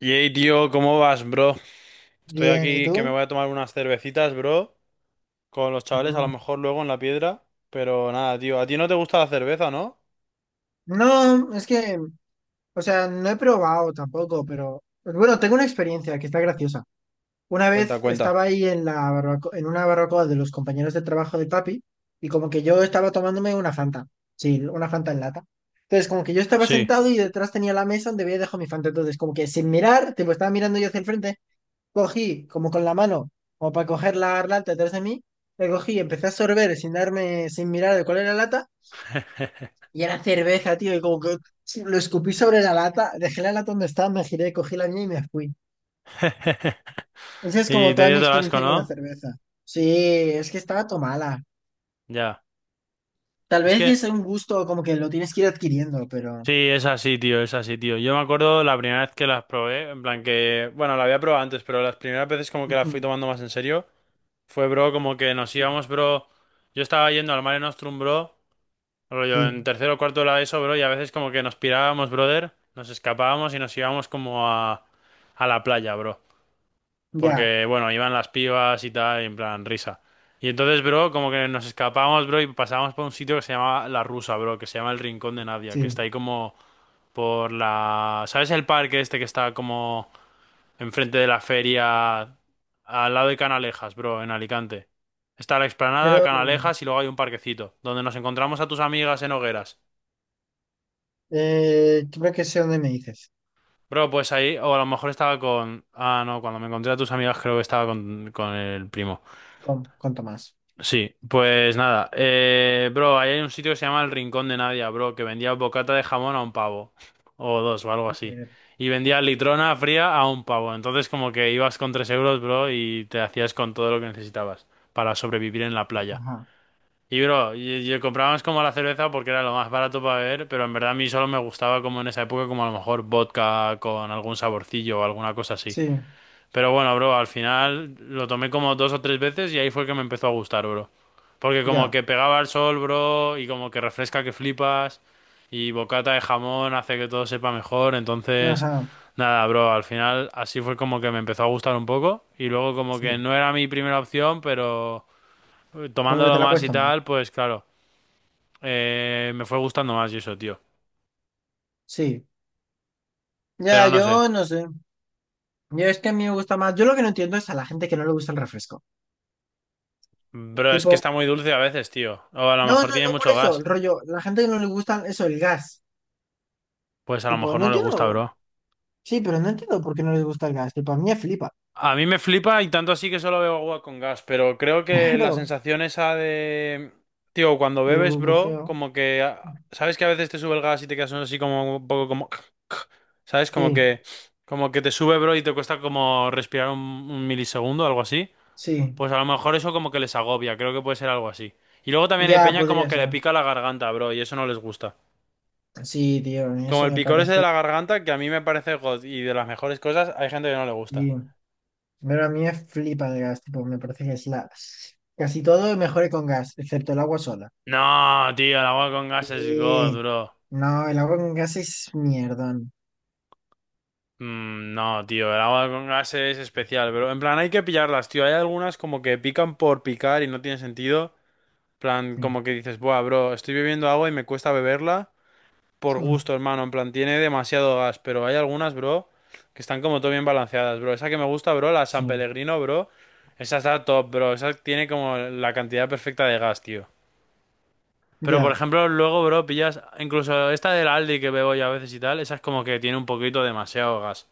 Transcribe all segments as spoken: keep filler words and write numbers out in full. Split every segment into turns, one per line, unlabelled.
Yay, tío, ¿cómo vas, bro? Estoy
Bien, ¿y
aquí que me
tú?
voy a tomar unas cervecitas, bro, con los chavales, a lo
No,
mejor luego en la piedra, pero nada, tío, a ti no te gusta la cerveza, ¿no?
no, es que, o sea, no he probado tampoco, pero bueno, tengo una experiencia que está graciosa. Una
Cuenta,
vez
cuenta.
estaba ahí en la barbaco- en una barbacoa de los compañeros de trabajo de papi y como que yo estaba tomándome una Fanta, sí, una Fanta en lata. Entonces, como que yo estaba
Sí.
sentado y detrás tenía la mesa donde había dejado mi Fanta. Entonces, como que sin mirar, tipo, estaba mirando yo hacia el frente, cogí como con la mano, como para coger la lata detrás de mí, la cogí, empecé a sorber sin darme, sin mirar de cuál era la lata. Y era cerveza, tío, y como que sí, lo escupí sobre la lata, dejé la lata donde estaba, me giré, cogí la mía y me fui. Esa es
Y
como
te
toda
dio
mi
todo el asco,
experiencia con la
¿no?
cerveza. Sí, es que estaba tomada.
Ya.
Tal
Es
vez
que
es un gusto como que lo tienes que ir adquiriendo, pero...
sí, es así, tío, es así, tío. Yo me acuerdo la primera vez que las probé, en plan que, bueno, la había probado antes, pero las primeras veces como que las fui
Ujú,
tomando más en serio, fue, bro, como que nos
sí,
íbamos, bro. Yo estaba yendo al Mare Nostrum, bro. Rollo,
sí,
en tercero o cuarto de la ESO, bro, y a veces como que nos pirábamos, brother, nos escapábamos y nos íbamos como a, a la playa, bro.
ya,
Porque, bueno, iban las pibas y tal, y en plan, risa. Y entonces, bro, como que nos escapábamos, bro, y pasábamos por un sitio que se llama La Rusa, bro, que se llama el Rincón de Nadia, que está
sí.
ahí como por la... ¿Sabes el parque este que está como enfrente de la feria, al lado de Canalejas, bro, en Alicante? Está la explanada,
Creo,
Canalejas y luego hay un parquecito, donde nos encontramos a tus amigas en hogueras.
eh, creo que sé dónde me dices,
Bro, pues ahí, o a lo mejor estaba con... Ah, no, cuando me encontré a tus amigas creo que estaba con, con el primo.
con, con Tomás.
Sí, pues nada. Eh, bro, ahí hay un sitio que se llama El Rincón de Nadia, bro, que vendía bocata de jamón a un pavo. O dos, o algo así.
Eh,
Y vendía litrona fría a un pavo. Entonces como que ibas con tres euros, bro, y te hacías con todo lo que necesitabas para sobrevivir en la playa.
Ajá,
Y bro, y, y comprábamos como la cerveza porque era lo más barato para beber, pero en verdad a mí solo me gustaba como en esa época, como a lo mejor vodka con algún saborcillo o alguna cosa así.
sí,
Pero bueno, bro, al final lo tomé como dos o tres veces y ahí fue que me empezó a gustar, bro. Porque como
ya,
que pegaba al sol, bro, y como que refresca que flipas, y bocata de jamón hace que todo sepa mejor, entonces...
ajá,
Nada, bro, al final así fue como que me empezó a gustar un poco y luego como que
sí.
no era mi primera opción, pero eh,
Como que
tomándolo
te la
más
puedes
y
tomar.
tal, pues claro. Eh, me fue gustando más y eso, tío.
Sí, ya,
Pero no sé.
yo no sé. Yo es que a mí me gusta más. Yo lo que no entiendo es a la gente que no le gusta el refresco.
Bro, es que
Tipo,
está muy dulce a veces, tío. O a lo
no,
mejor
no,
tiene
no por
mucho
eso, el
gas.
rollo. La gente que no le gusta eso, el gas.
Pues a lo
Tipo,
mejor
no
no le gusta,
entiendo.
bro.
Sí, pero no entiendo por qué no les gusta el gas. Tipo, a mí me flipa.
A mí me flipa y tanto así que solo bebo agua con gas. Pero creo que la
Claro,
sensación esa de... Tío, cuando
del
bebes, bro,
burbujeo.
como que... ah, ¿sabes que a veces te sube el gas y te quedas así como un poco como... ¿Sabes? Como
Sí,
que... Como que te sube, bro, y te cuesta como respirar un, un milisegundo, algo así.
sí.
Pues a lo mejor eso como que les agobia, creo que puede ser algo así. Y luego también hay
Ya
peña como
podría
que le
ser.
pica la garganta, bro, y eso no les gusta.
Sí, tío, a mí
Como
eso
el
me
picor ese de
parece.
la garganta, que a mí me parece god y de las mejores cosas, hay gente que no le gusta.
Sí. Pero a mí me flipa el gas. Tipo, me parece que es la. Casi todo mejore con gas, excepto el agua sola.
No, tío, el agua con gas es god,
Sí.
bro.
No, el agua con gas es mierdón.
Mm, no, tío, el agua con gas es especial, bro. En plan, hay que pillarlas, tío. Hay algunas como que pican por picar y no tiene sentido. En plan,
Sí.
como que dices, buah, bro, estoy bebiendo agua y me cuesta beberla. Por
Sí.
gusto, hermano. En plan, tiene demasiado gas, pero hay algunas, bro, que están como todo bien balanceadas, bro. Esa que me gusta, bro, la San
Sí,
Pellegrino, bro. Esa está top, bro. Esa tiene como la cantidad perfecta de gas, tío. Pero, por
ya,
ejemplo, luego, bro, pillas... Incluso esta del Aldi que bebo yo a veces y tal, esa es como que tiene un poquito demasiado gas.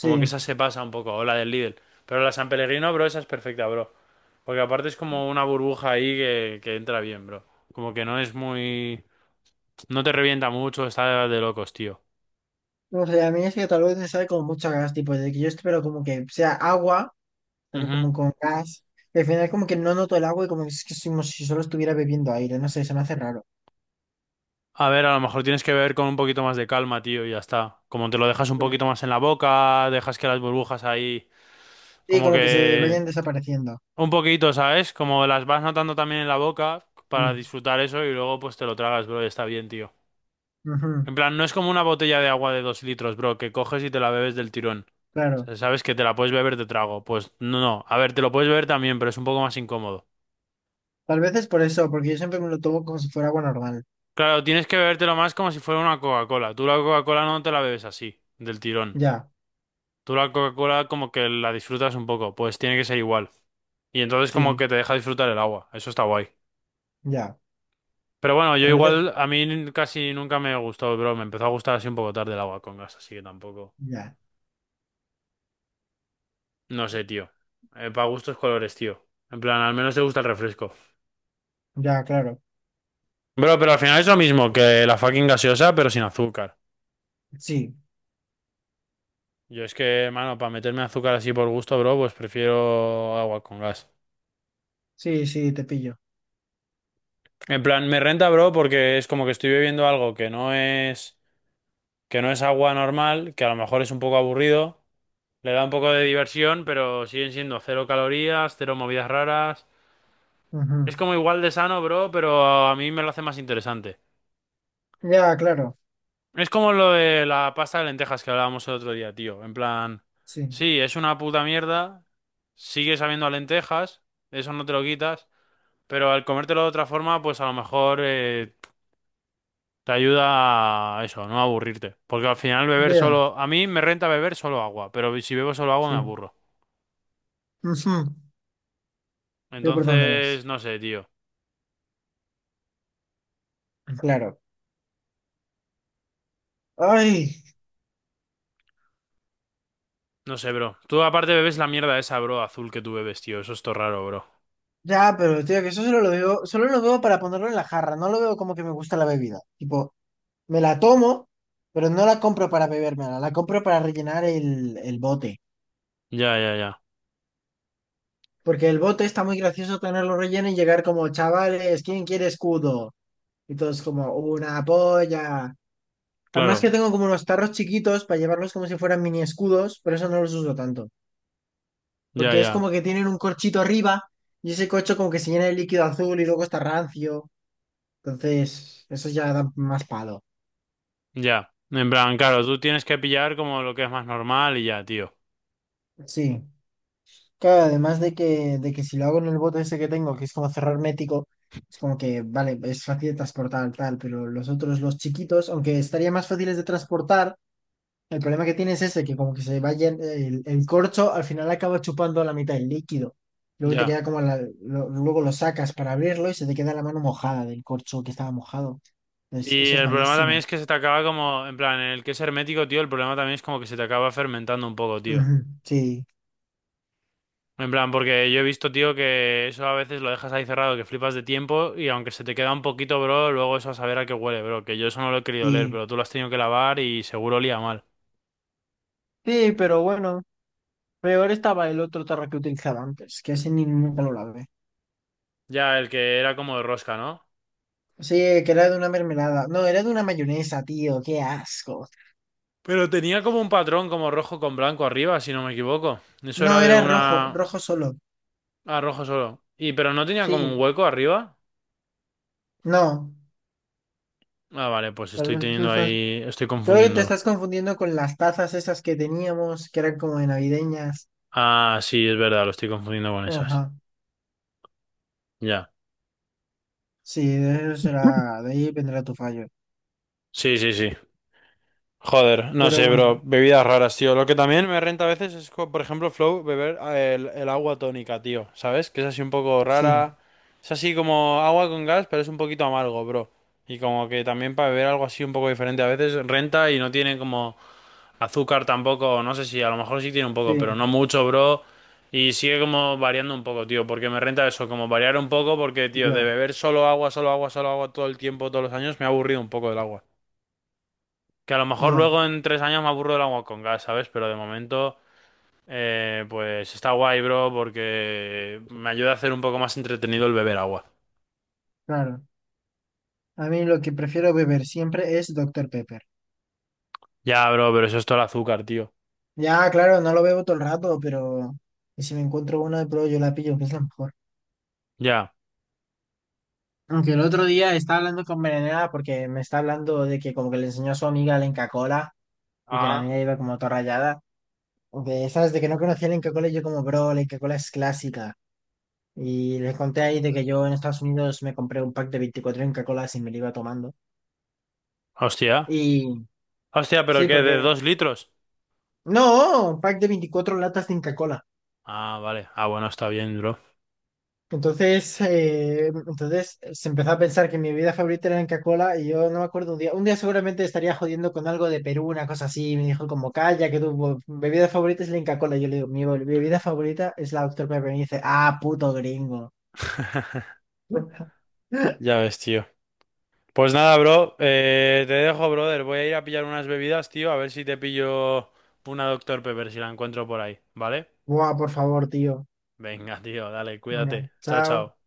Como que esa se pasa un poco, o la del Lidl. Pero la San Pellegrino, bro, esa es perfecta, bro. Porque aparte es como una burbuja ahí que, que entra bien, bro. Como que no es muy... No te revienta mucho, está de locos, tío.
No sé, a mí es que tal vez me sabe como mucho a gas, tipo, de que yo espero como que sea agua, pero
Ujú.
como con gas. Y al final como que no noto el agua y como que es que es como si solo estuviera bebiendo aire, no sé, se me hace raro.
A ver, a lo mejor tienes que beber con un poquito más de calma, tío, y ya está. Como te lo dejas un
Uy.
poquito más en la boca, dejas que las burbujas ahí,
Sí,
como
como que se
que
vayan desapareciendo.
un poquito, ¿sabes? Como las vas notando también en la boca para
Sí.
disfrutar eso y luego pues te lo tragas, bro, y está bien, tío.
Ujú,
En plan, no es como una botella de agua de dos litros, bro, que coges y te la bebes del tirón. O
claro.
sea, sabes que te la puedes beber de trago. Pues no, no. A ver, te lo puedes beber también, pero es un poco más incómodo.
Tal vez es por eso, porque yo siempre me lo tomo como si fuera agua normal.
Claro, tienes que bebértelo más como si fuera una Coca-Cola. Tú la Coca-Cola no te la bebes así, del tirón.
Ya,
Tú la Coca-Cola como que la disfrutas un poco, pues tiene que ser igual. Y entonces como
sí,
que te deja disfrutar el agua, eso está guay.
ya.
Pero bueno, yo
Tal vez es...
igual, a mí casi nunca me gustó, bro, me empezó a gustar así un poco tarde el agua con gas, así que tampoco.
Ya,
No sé, tío. Para gustos colores, tío. En plan, al menos te gusta el refresco.
ya, claro.
Bro, pero al final es lo mismo que la fucking gaseosa, pero sin azúcar.
Sí,
Yo es que, mano, para meterme azúcar así por gusto, bro, pues prefiero agua con gas.
sí, sí, te pillo.
En plan, me renta, bro, porque es como que estoy bebiendo algo que no es que no es agua normal, que a lo mejor es un poco aburrido, le da un poco de diversión, pero siguen siendo cero calorías, cero movidas raras.
Ujú.
Es como igual de sano, bro, pero a mí me lo hace más interesante.
Ya, claro.
Es como lo de la pasta de lentejas que hablábamos el otro día, tío. En plan,
Sí.
sí, es una puta mierda, sigue sabiendo a lentejas, eso no te lo quitas, pero al comértelo de otra forma, pues a lo mejor eh, te ayuda a eso, no aburrirte. Porque al final beber
Ya,
solo, a mí me renta beber solo agua, pero si bebo solo agua me
sí.
aburro.
Ujú. Veo por dónde
Entonces,
vas.
no sé, tío.
Claro. Ay,
No sé, bro. Tú aparte bebes la mierda esa, bro, azul que tú bebes, tío. Eso es todo raro, bro.
ya, pero tío, que eso solo lo veo, solo lo veo para ponerlo en la jarra. No lo veo como que me gusta la bebida. Tipo, me la tomo, pero no la compro para bebérmela. La compro para rellenar el, el bote.
Ya, ya, ya.
Porque el bote está muy gracioso tenerlo relleno y llegar como, chavales, ¿quién quiere escudo? Y todos como, una polla. Además
Claro.
que tengo como unos tarros chiquitos para llevarlos como si fueran mini escudos, pero eso no los uso tanto.
Ya,
Porque es
ya.
como que tienen un corchito arriba y ese corcho como que se llena de líquido azul y luego está rancio. Entonces, eso ya da más palo.
Ya. En plan, claro, tú tienes que pillar como lo que es más normal y ya, tío.
Sí. Claro, además de que, de que si lo hago en el bote ese que tengo, que es como cerrar hermético, es como que, vale, es fácil de transportar, tal, pero los otros, los chiquitos, aunque estaría más fáciles de transportar, el problema que tiene es ese, que como que se va el, el corcho al final acaba chupando la mitad del líquido. Luego te
Ya.
queda como la, lo- luego lo sacas para abrirlo y se te queda la mano mojada del corcho que estaba mojado. Es-
Y
eso es
el problema también
malísima.
es que se te acaba como, en plan, en el que es hermético, tío, el problema también es como que se te acaba fermentando un poco, tío.
Ujú, sí,
En plan, porque yo he visto, tío, que eso a veces lo dejas ahí cerrado, que flipas de tiempo y aunque se te queda un poquito, bro, luego eso a saber a qué huele, bro, que yo eso no lo he querido leer,
sí.
pero tú lo has tenido que lavar y seguro olía mal.
Sí, pero bueno, peor estaba el otro tarro que utilizaba antes, que ese ni nunca lo lavé.
Ya, el que era como de rosca, ¿no?
Sí, que era de una mermelada. No, era de una mayonesa, tío, qué asco.
Pero tenía como un patrón como rojo con blanco arriba, si no me equivoco. Eso era
No,
de
era rojo,
una...
rojo solo.
A rojo solo. Y pero no tenía como un
Sí,
hueco arriba.
no.
Ah, vale, pues
Tal
estoy
vez tú
teniendo
estás.
ahí... Estoy
Creo que te
confundiéndolo.
estás confundiendo con las tazas esas que teníamos, que eran como de navideñas.
Ah, sí, es verdad, lo estoy confundiendo con esas.
Ajá.
Ya.
Sí, de eso será, de ahí vendrá tu fallo.
Sí, sí, sí. Joder, no
Pero
sé, bro.
bueno,
Bebidas raras, tío. Lo que también me renta a veces es, co- por ejemplo, Flow, beber ah, el, el agua tónica, tío. ¿Sabes? Que es así un poco
sí,
rara. Es así como agua con gas, pero es un poquito amargo, bro. Y como que también para beber algo así un poco diferente a veces renta y no tiene como azúcar tampoco. No sé si a lo mejor sí tiene un poco,
sí,
pero no mucho, bro. Y sigue como variando un poco, tío. Porque me renta eso, como variar un poco, porque, tío, de
ya,
beber solo agua, solo agua, solo agua todo el tiempo, todos los años, me ha aburrido un poco del agua. Que a lo mejor
ya,
luego en tres años me aburro del agua con gas, ¿sabes? Pero de momento, eh, pues está guay, bro, porque me ayuda a hacer un poco más entretenido el beber agua.
claro. A mí lo que prefiero beber siempre es Doctor Pepper.
Ya, bro, pero eso es todo el azúcar, tío.
Ya, claro, no lo bebo todo el rato, pero y si me encuentro una de prueba yo la pillo, que es la mejor.
Ya.
Aunque el otro día estaba hablando con Berenera porque me está hablando de que como que le enseñó a su amiga la Inca Kola y que la
Ah,
mía iba como toda rayada. De, ¿sabes? De que no conocía el Inca Kola y yo como, bro, la Inca Kola es clásica. Y les conté ahí de que yo en Estados Unidos me compré un pack de veinticuatro Inca Kolas y me lo iba tomando.
hostia.
Y
Hostia, ¿pero
sí,
qué? ¿De
porque...
dos litros?
No, un pack de veinticuatro latas de Inca Kola.
Ah, vale. Ah, bueno, está bien, bro.
Entonces, eh, entonces se empezó a pensar que mi bebida favorita era la Inca Kola y yo no me acuerdo un día. Un día seguramente estaría jodiendo con algo de Perú, una cosa así. Y me dijo como, calla, que tu bebida favorita es la Inca Kola. Yo le digo, mi bebida favorita es la doctor Pepper. Y me dice, ah, puto gringo.
Ya ves, tío. Pues nada, bro. Eh, te dejo, brother. Voy a ir a pillar unas bebidas, tío. A ver si te pillo una doctor Pepper, si la encuentro por ahí, ¿vale?
Buah, por favor, tío.
Venga, tío, dale,
Venga,
cuídate. Chao,
chao.
chao.